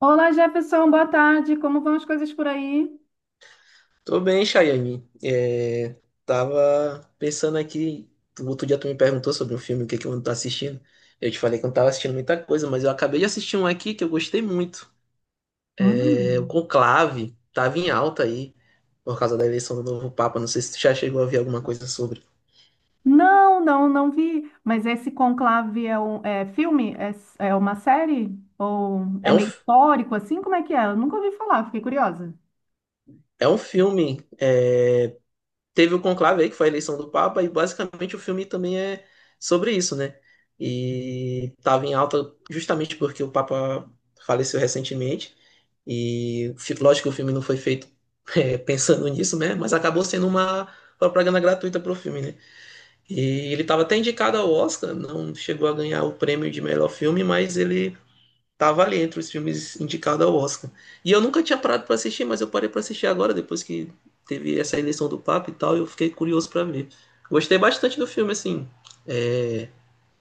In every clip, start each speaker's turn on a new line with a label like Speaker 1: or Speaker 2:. Speaker 1: Olá, Jefferson, boa tarde. Como vão as coisas por aí?
Speaker 2: Tô bem, Chayane. Tava pensando aqui, o outro dia tu me perguntou sobre um filme, o que que eu ando tá assistindo. Eu te falei que eu não tava assistindo muita coisa, mas eu acabei de assistir um aqui que eu gostei muito. É, o
Speaker 1: Hum.
Speaker 2: Conclave, tava em alta aí, por causa da eleição do novo Papa. Não sei se tu já chegou a ver alguma coisa sobre.
Speaker 1: Não, não, não vi. Mas esse Conclave é um filme? É, é uma série? Ou é
Speaker 2: É um,
Speaker 1: meio
Speaker 2: f-
Speaker 1: histórico assim? Como é que é? Eu nunca ouvi falar, fiquei curiosa.
Speaker 2: É um filme, teve o Conclave aí, que foi a eleição do Papa, e basicamente o filme também é sobre isso, né? E estava em alta justamente porque o Papa faleceu recentemente. E lógico que o filme não foi feito pensando nisso, né? Mas acabou sendo uma propaganda gratuita pro filme, né? E ele estava até indicado ao Oscar, não chegou a ganhar o prêmio de melhor filme, mas ele estava ali entre os filmes indicados ao Oscar. E eu nunca tinha parado para assistir, mas eu parei para assistir agora, depois que teve essa eleição do Papa e tal, eu fiquei curioso para ver. Gostei bastante do filme, assim, eh,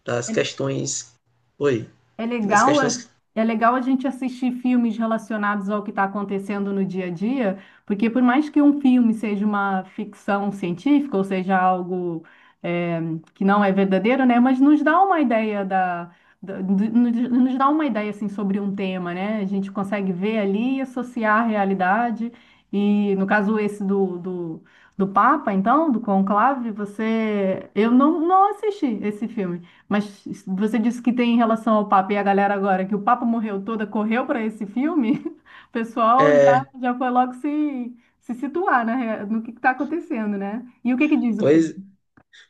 Speaker 2: das questões. Oi,
Speaker 1: É
Speaker 2: das
Speaker 1: legal, é
Speaker 2: questões.
Speaker 1: é legal a gente assistir filmes relacionados ao que está acontecendo no dia a dia, porque por mais que um filme seja uma ficção científica, ou seja, algo é, que não é verdadeiro, né? Mas nos dá uma ideia nos dá uma ideia assim sobre um tema, né? A gente consegue ver ali e associar a realidade. E no caso esse do Papa, então, do Conclave, você, eu não assisti esse filme. Mas você disse que tem em relação ao Papa e a galera agora, que o Papa morreu toda, correu para esse filme, o pessoal já,
Speaker 2: É,
Speaker 1: já foi logo se situar na no que está acontecendo, né? E o que que diz o filme?
Speaker 2: pois.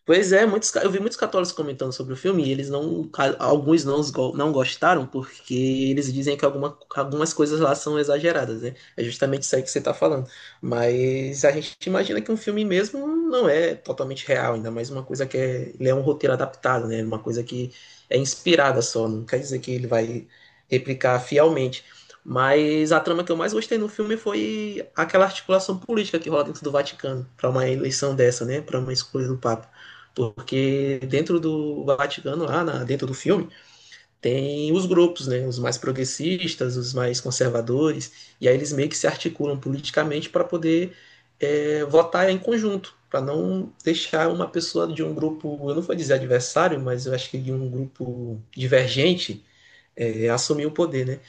Speaker 2: Pois é, eu vi muitos católicos comentando sobre o filme e eles não, ca- alguns não, não gostaram porque eles dizem que algumas coisas lá são exageradas, né? É justamente isso aí que você tá falando. Mas a gente imagina que um filme mesmo não é totalmente real, ainda mais uma coisa que é, ele é um roteiro adaptado, né? Uma coisa que é inspirada só, não quer dizer que ele vai replicar fielmente. Mas a trama que eu mais gostei no filme foi aquela articulação política que rola dentro do Vaticano para uma eleição dessa, né? Para uma escolha do Papa. Porque dentro do Vaticano, dentro do filme, tem os grupos, né? Os mais progressistas, os mais conservadores, e aí eles meio que se articulam politicamente para poder votar em conjunto, para não deixar uma pessoa de um grupo, eu não vou dizer adversário, mas eu acho que de um grupo divergente, assumir o poder, né?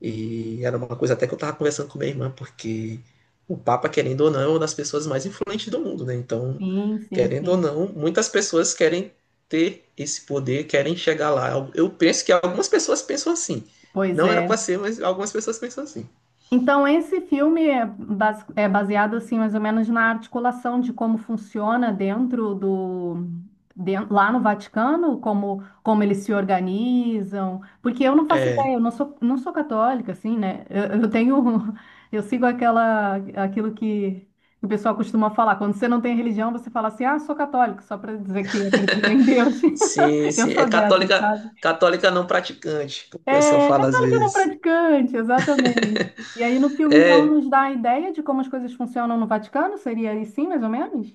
Speaker 2: E era uma coisa até que eu estava conversando com minha irmã, porque o Papa, querendo ou não, é uma das pessoas mais influentes do mundo, né? Então,
Speaker 1: Sim, sim,
Speaker 2: querendo ou
Speaker 1: sim.
Speaker 2: não, muitas pessoas querem ter esse poder, querem chegar lá. Eu penso que algumas pessoas pensam assim.
Speaker 1: Pois
Speaker 2: Não era
Speaker 1: é.
Speaker 2: para ser, mas algumas pessoas pensam assim.
Speaker 1: Então, esse filme é é baseado, assim, mais ou menos na articulação de como funciona lá no Vaticano, como, como eles se organizam. Porque eu não faço ideia,
Speaker 2: É,
Speaker 1: eu não sou católica, assim, né? Eu tenho... Eu sigo aquela, aquilo que o pessoal costuma falar. Quando você não tem religião, você fala assim, ah, sou católico, só para dizer que acredito em Deus.
Speaker 2: sim,
Speaker 1: Eu
Speaker 2: sim. É
Speaker 1: sou dessas,
Speaker 2: católica,
Speaker 1: sabe?
Speaker 2: católica não praticante, que o pessoal
Speaker 1: É,
Speaker 2: fala às
Speaker 1: católica não
Speaker 2: vezes.
Speaker 1: praticante, exatamente. E aí no filme, então,
Speaker 2: É,
Speaker 1: nos dá a ideia de como as coisas funcionam no Vaticano? Seria assim, mais ou menos?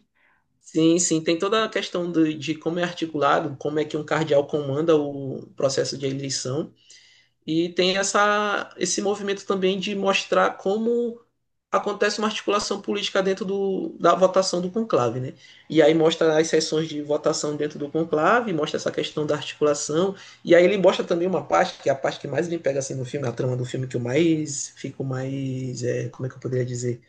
Speaker 2: sim, sim. Tem toda a questão de como é articulado, como é que um cardeal comanda o processo de eleição. E tem essa, esse movimento também de mostrar como acontece uma articulação política dentro do, da votação do conclave, né? E aí mostra as sessões de votação dentro do conclave, mostra essa questão da articulação, e aí ele mostra também uma parte, que é a parte que mais me pega assim no filme, a trama do filme que eu mais fico mais, é, como é que eu poderia dizer?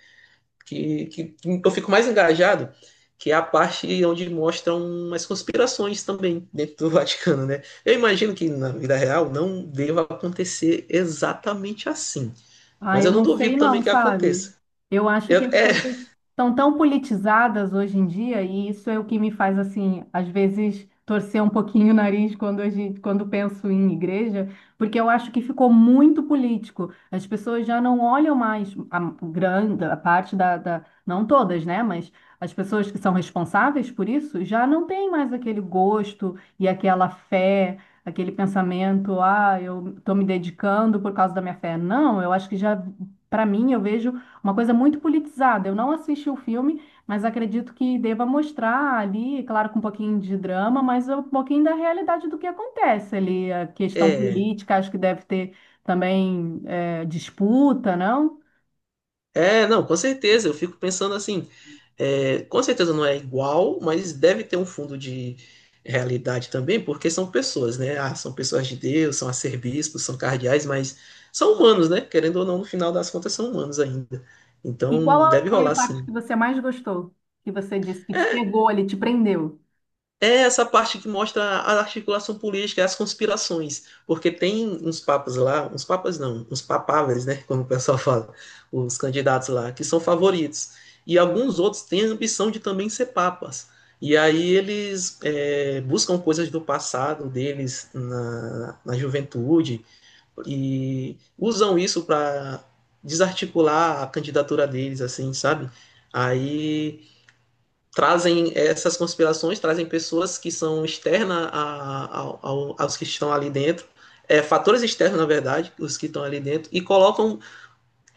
Speaker 2: Que eu fico mais engajado, que é a parte onde mostram umas conspirações também dentro do Vaticano, né? Eu imagino que na vida real não deva acontecer exatamente assim,
Speaker 1: Ah,
Speaker 2: mas
Speaker 1: eu
Speaker 2: eu não
Speaker 1: não sei
Speaker 2: duvido
Speaker 1: não,
Speaker 2: também que
Speaker 1: sabe?
Speaker 2: aconteça.
Speaker 1: Eu acho
Speaker 2: Eu-
Speaker 1: que as
Speaker 2: é,
Speaker 1: coisas estão tão politizadas hoje em dia e isso é o que me faz, assim, às vezes torcer um pouquinho o nariz quando, a gente, quando penso em igreja, porque eu acho que ficou muito político. As pessoas já não olham mais a grande, a parte da, da... Não todas, né? Mas as pessoas que são responsáveis por isso já não têm mais aquele gosto e aquela fé aquele pensamento, ah, eu estou me dedicando por causa da minha fé. Não, eu acho que já, para mim, eu vejo uma coisa muito politizada. Eu não assisti o filme, mas acredito que deva mostrar ali, claro, com um pouquinho de drama, mas um pouquinho da realidade do que acontece ali. A questão
Speaker 2: é,
Speaker 1: política, acho que deve ter também disputa, não?
Speaker 2: não, com certeza, eu fico pensando assim, é, com certeza não é igual, mas deve ter um fundo de realidade também, porque são pessoas, né? Ah, são pessoas de Deus, são arcebispos, são cardeais, mas são humanos, né? Querendo ou não, no final das contas, são humanos ainda.
Speaker 1: E qual
Speaker 2: Então, deve
Speaker 1: foi a
Speaker 2: rolar
Speaker 1: parte
Speaker 2: sim.
Speaker 1: que você mais gostou? Que você disse que te
Speaker 2: É,
Speaker 1: pegou ali, te prendeu?
Speaker 2: é essa parte que mostra a articulação política, as conspirações, porque tem uns papas lá, uns papas não, uns papáveis, né, como o pessoal fala, os candidatos lá, que são favoritos, e alguns outros têm a ambição de também ser papas, e aí eles buscam coisas do passado deles na juventude, e usam isso para desarticular a candidatura deles, assim, sabe? Aí trazem essas conspirações, trazem pessoas que são externas aos que estão ali dentro, é, fatores externos, na verdade, os que estão ali dentro, e colocam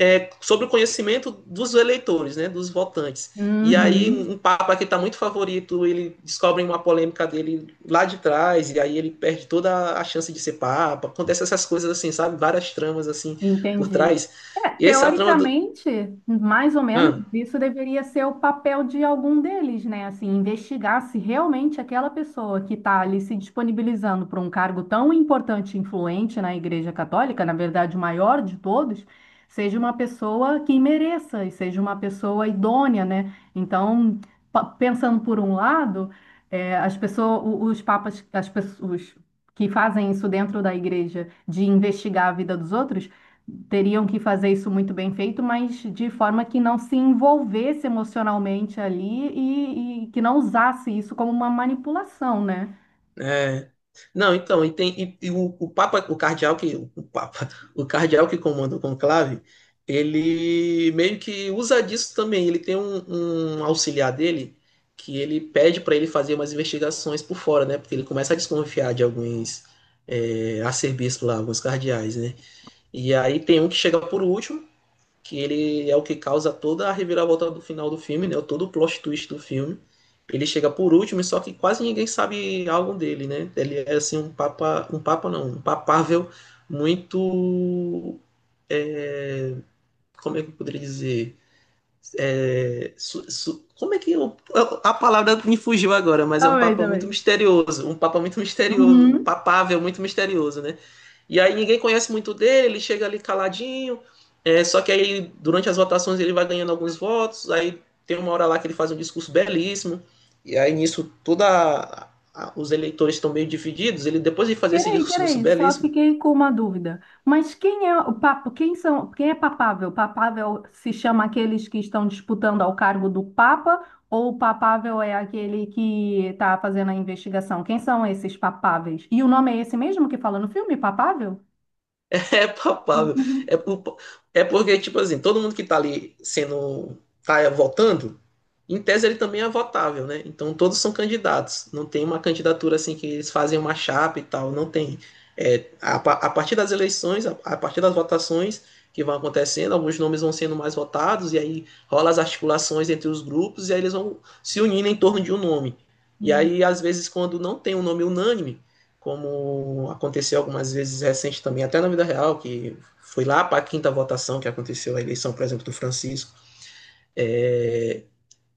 Speaker 2: sobre o conhecimento dos eleitores, né, dos votantes. E aí,
Speaker 1: Uhum.
Speaker 2: um papa que está muito favorito, ele descobre uma polêmica dele lá de trás, e aí ele perde toda a chance de ser papa. Acontece essas coisas assim, sabe? Várias tramas assim por
Speaker 1: Entendi.
Speaker 2: trás.
Speaker 1: É,
Speaker 2: E essa trama do.
Speaker 1: teoricamente, mais ou menos,
Speaker 2: Ah.
Speaker 1: isso deveria ser o papel de algum deles, né? Assim, investigar se realmente aquela pessoa que está ali se disponibilizando para um cargo tão importante e influente na Igreja Católica, na verdade, o maior de todos, seja uma pessoa que mereça e seja uma pessoa idônea, né? Então, pensando por um lado, as pessoas, os papas, as pessoas que fazem isso dentro da igreja de investigar a vida dos outros teriam que fazer isso muito bem feito, mas de forma que não se envolvesse emocionalmente ali e que não usasse isso como uma manipulação, né?
Speaker 2: É. Não, então, o Papa, o cardeal que comanda o conclave, ele meio que usa disso também. Ele tem um auxiliar dele que ele pede para ele fazer umas investigações por fora, né? Porque ele começa a desconfiar de alguns arcebispos lá, alguns cardeais, né? E aí tem um que chega por último que ele é o que causa toda a reviravolta do final do filme, né? Todo o plot twist do filme. Ele chega por último, só que quase ninguém sabe algo dele, né? Ele é assim um papa não, um papável muito, como é que eu poderia dizer? Como é que a palavra me fugiu agora, mas é um
Speaker 1: Também,
Speaker 2: papa muito
Speaker 1: também.
Speaker 2: misterioso, um papa muito misterioso, um
Speaker 1: Uhum.
Speaker 2: papável muito misterioso, né? E aí ninguém conhece muito dele, ele chega ali caladinho, é, só que aí durante as votações ele vai ganhando alguns votos, aí tem uma hora lá que ele faz um discurso belíssimo, e aí nisso toda os eleitores estão meio divididos, ele depois de fazer esse
Speaker 1: Peraí,
Speaker 2: discurso
Speaker 1: peraí, só
Speaker 2: belíssimo,
Speaker 1: fiquei com uma dúvida. Mas quem é o papo? Quem são? Quem é papável? Papável se chama aqueles que estão disputando ao cargo do Papa ou o papável é aquele que está fazendo a investigação? Quem são esses papáveis? E o nome é esse mesmo que fala no filme, papável?
Speaker 2: é papável, é, por- é porque tipo assim, todo mundo que tá ali sendo tá votando. Em tese, ele também é votável, né? Então, todos são candidatos. Não tem uma candidatura assim que eles fazem uma chapa e tal. Não tem. A partir das eleições, a partir das votações que vão acontecendo, alguns nomes vão sendo mais votados, e aí rola as articulações entre os grupos, e aí eles vão se unindo em torno de um nome. E
Speaker 1: Uhum.
Speaker 2: aí, às vezes, quando não tem um nome unânime, como aconteceu algumas vezes recente também, até na vida real, que foi lá para a quinta votação que aconteceu a eleição, por exemplo, do Francisco. É,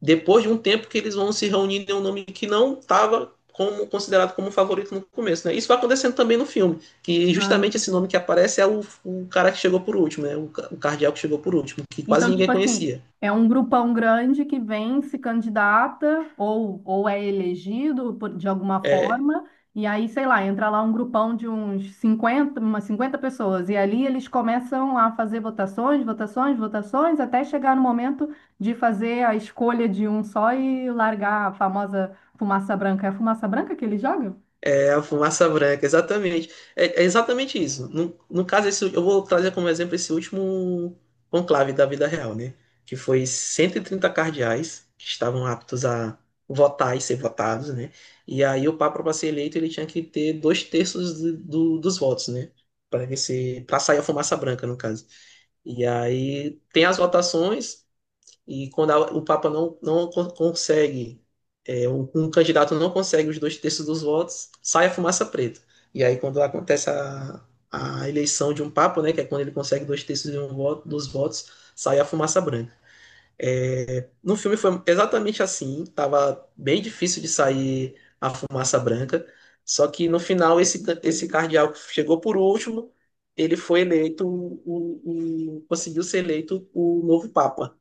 Speaker 2: depois de um tempo que eles vão se reunir em um nome que não estava como, considerado como favorito no começo. Né? Isso vai acontecendo também no filme, que
Speaker 1: Ah,
Speaker 2: justamente esse nome
Speaker 1: entendi.
Speaker 2: que aparece é o cara que chegou por último, né? O cardíaco que chegou por último, que quase
Speaker 1: Então,
Speaker 2: ninguém
Speaker 1: tipo assim,
Speaker 2: conhecia.
Speaker 1: é um grupão grande que vem, se candidata ou é elegido de alguma
Speaker 2: É,
Speaker 1: forma, e aí, sei lá, entra lá um grupão de uns 50 umas 50 pessoas, e ali eles começam a fazer votações, votações, votações, até chegar no momento de fazer a escolha de um só e largar a famosa fumaça branca. É a fumaça branca que ele joga?
Speaker 2: é a fumaça branca, exatamente. É, é exatamente isso. No caso, esse, eu vou trazer como exemplo esse último conclave da vida real, né? Que foi 130 cardeais que estavam aptos a votar e ser votados, né? E aí o Papa, para ser eleito, ele tinha que ter dois terços dos votos, né? Para ser, para sair a fumaça branca, no caso. E aí tem as votações, e quando o Papa não, consegue, é, um candidato não consegue os dois terços dos votos, sai a fumaça preta. E aí, quando acontece a eleição de um Papa, né, que é quando ele consegue dois terços de um voto, dos votos, sai a fumaça branca. É, no filme foi exatamente assim, estava bem difícil de sair a fumaça branca, só que no final esse cardeal que chegou por último, ele foi eleito, conseguiu ser eleito o novo Papa.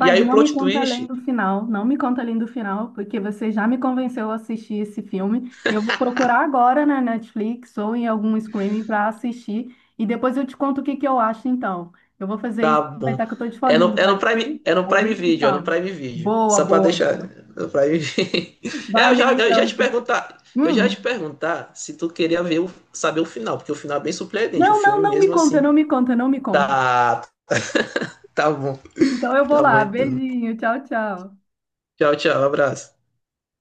Speaker 2: E aí o
Speaker 1: não me
Speaker 2: plot
Speaker 1: conta além
Speaker 2: twist,
Speaker 1: do final, não me conta além do final, porque você já me convenceu a assistir esse filme. Eu vou procurar agora na Netflix ou em algum streaming para assistir e depois eu te conto o que que eu acho então. Eu vou fazer
Speaker 2: tá
Speaker 1: isso,
Speaker 2: bom.
Speaker 1: aproveitar que eu tô de foguinho,
Speaker 2: É no
Speaker 1: pode ser?
Speaker 2: Prime,
Speaker 1: A gente se
Speaker 2: É no
Speaker 1: fala.
Speaker 2: Prime Video.
Speaker 1: Boa,
Speaker 2: Só pra
Speaker 1: boa,
Speaker 2: deixar
Speaker 1: boa.
Speaker 2: né? No Prime Video. É,
Speaker 1: Valeu então.
Speaker 2: eu já
Speaker 1: Hum.
Speaker 2: te perguntar se tu queria ver saber o final, porque o final é bem surpreendente, o
Speaker 1: Não, não,
Speaker 2: filme
Speaker 1: não me
Speaker 2: mesmo
Speaker 1: conta,
Speaker 2: assim.
Speaker 1: não me conta, não me conta.
Speaker 2: Tá, tá bom,
Speaker 1: Então eu vou
Speaker 2: tá bom
Speaker 1: lá.
Speaker 2: então.
Speaker 1: Beijinho, tchau, tchau.
Speaker 2: Tchau, tchau, abraço.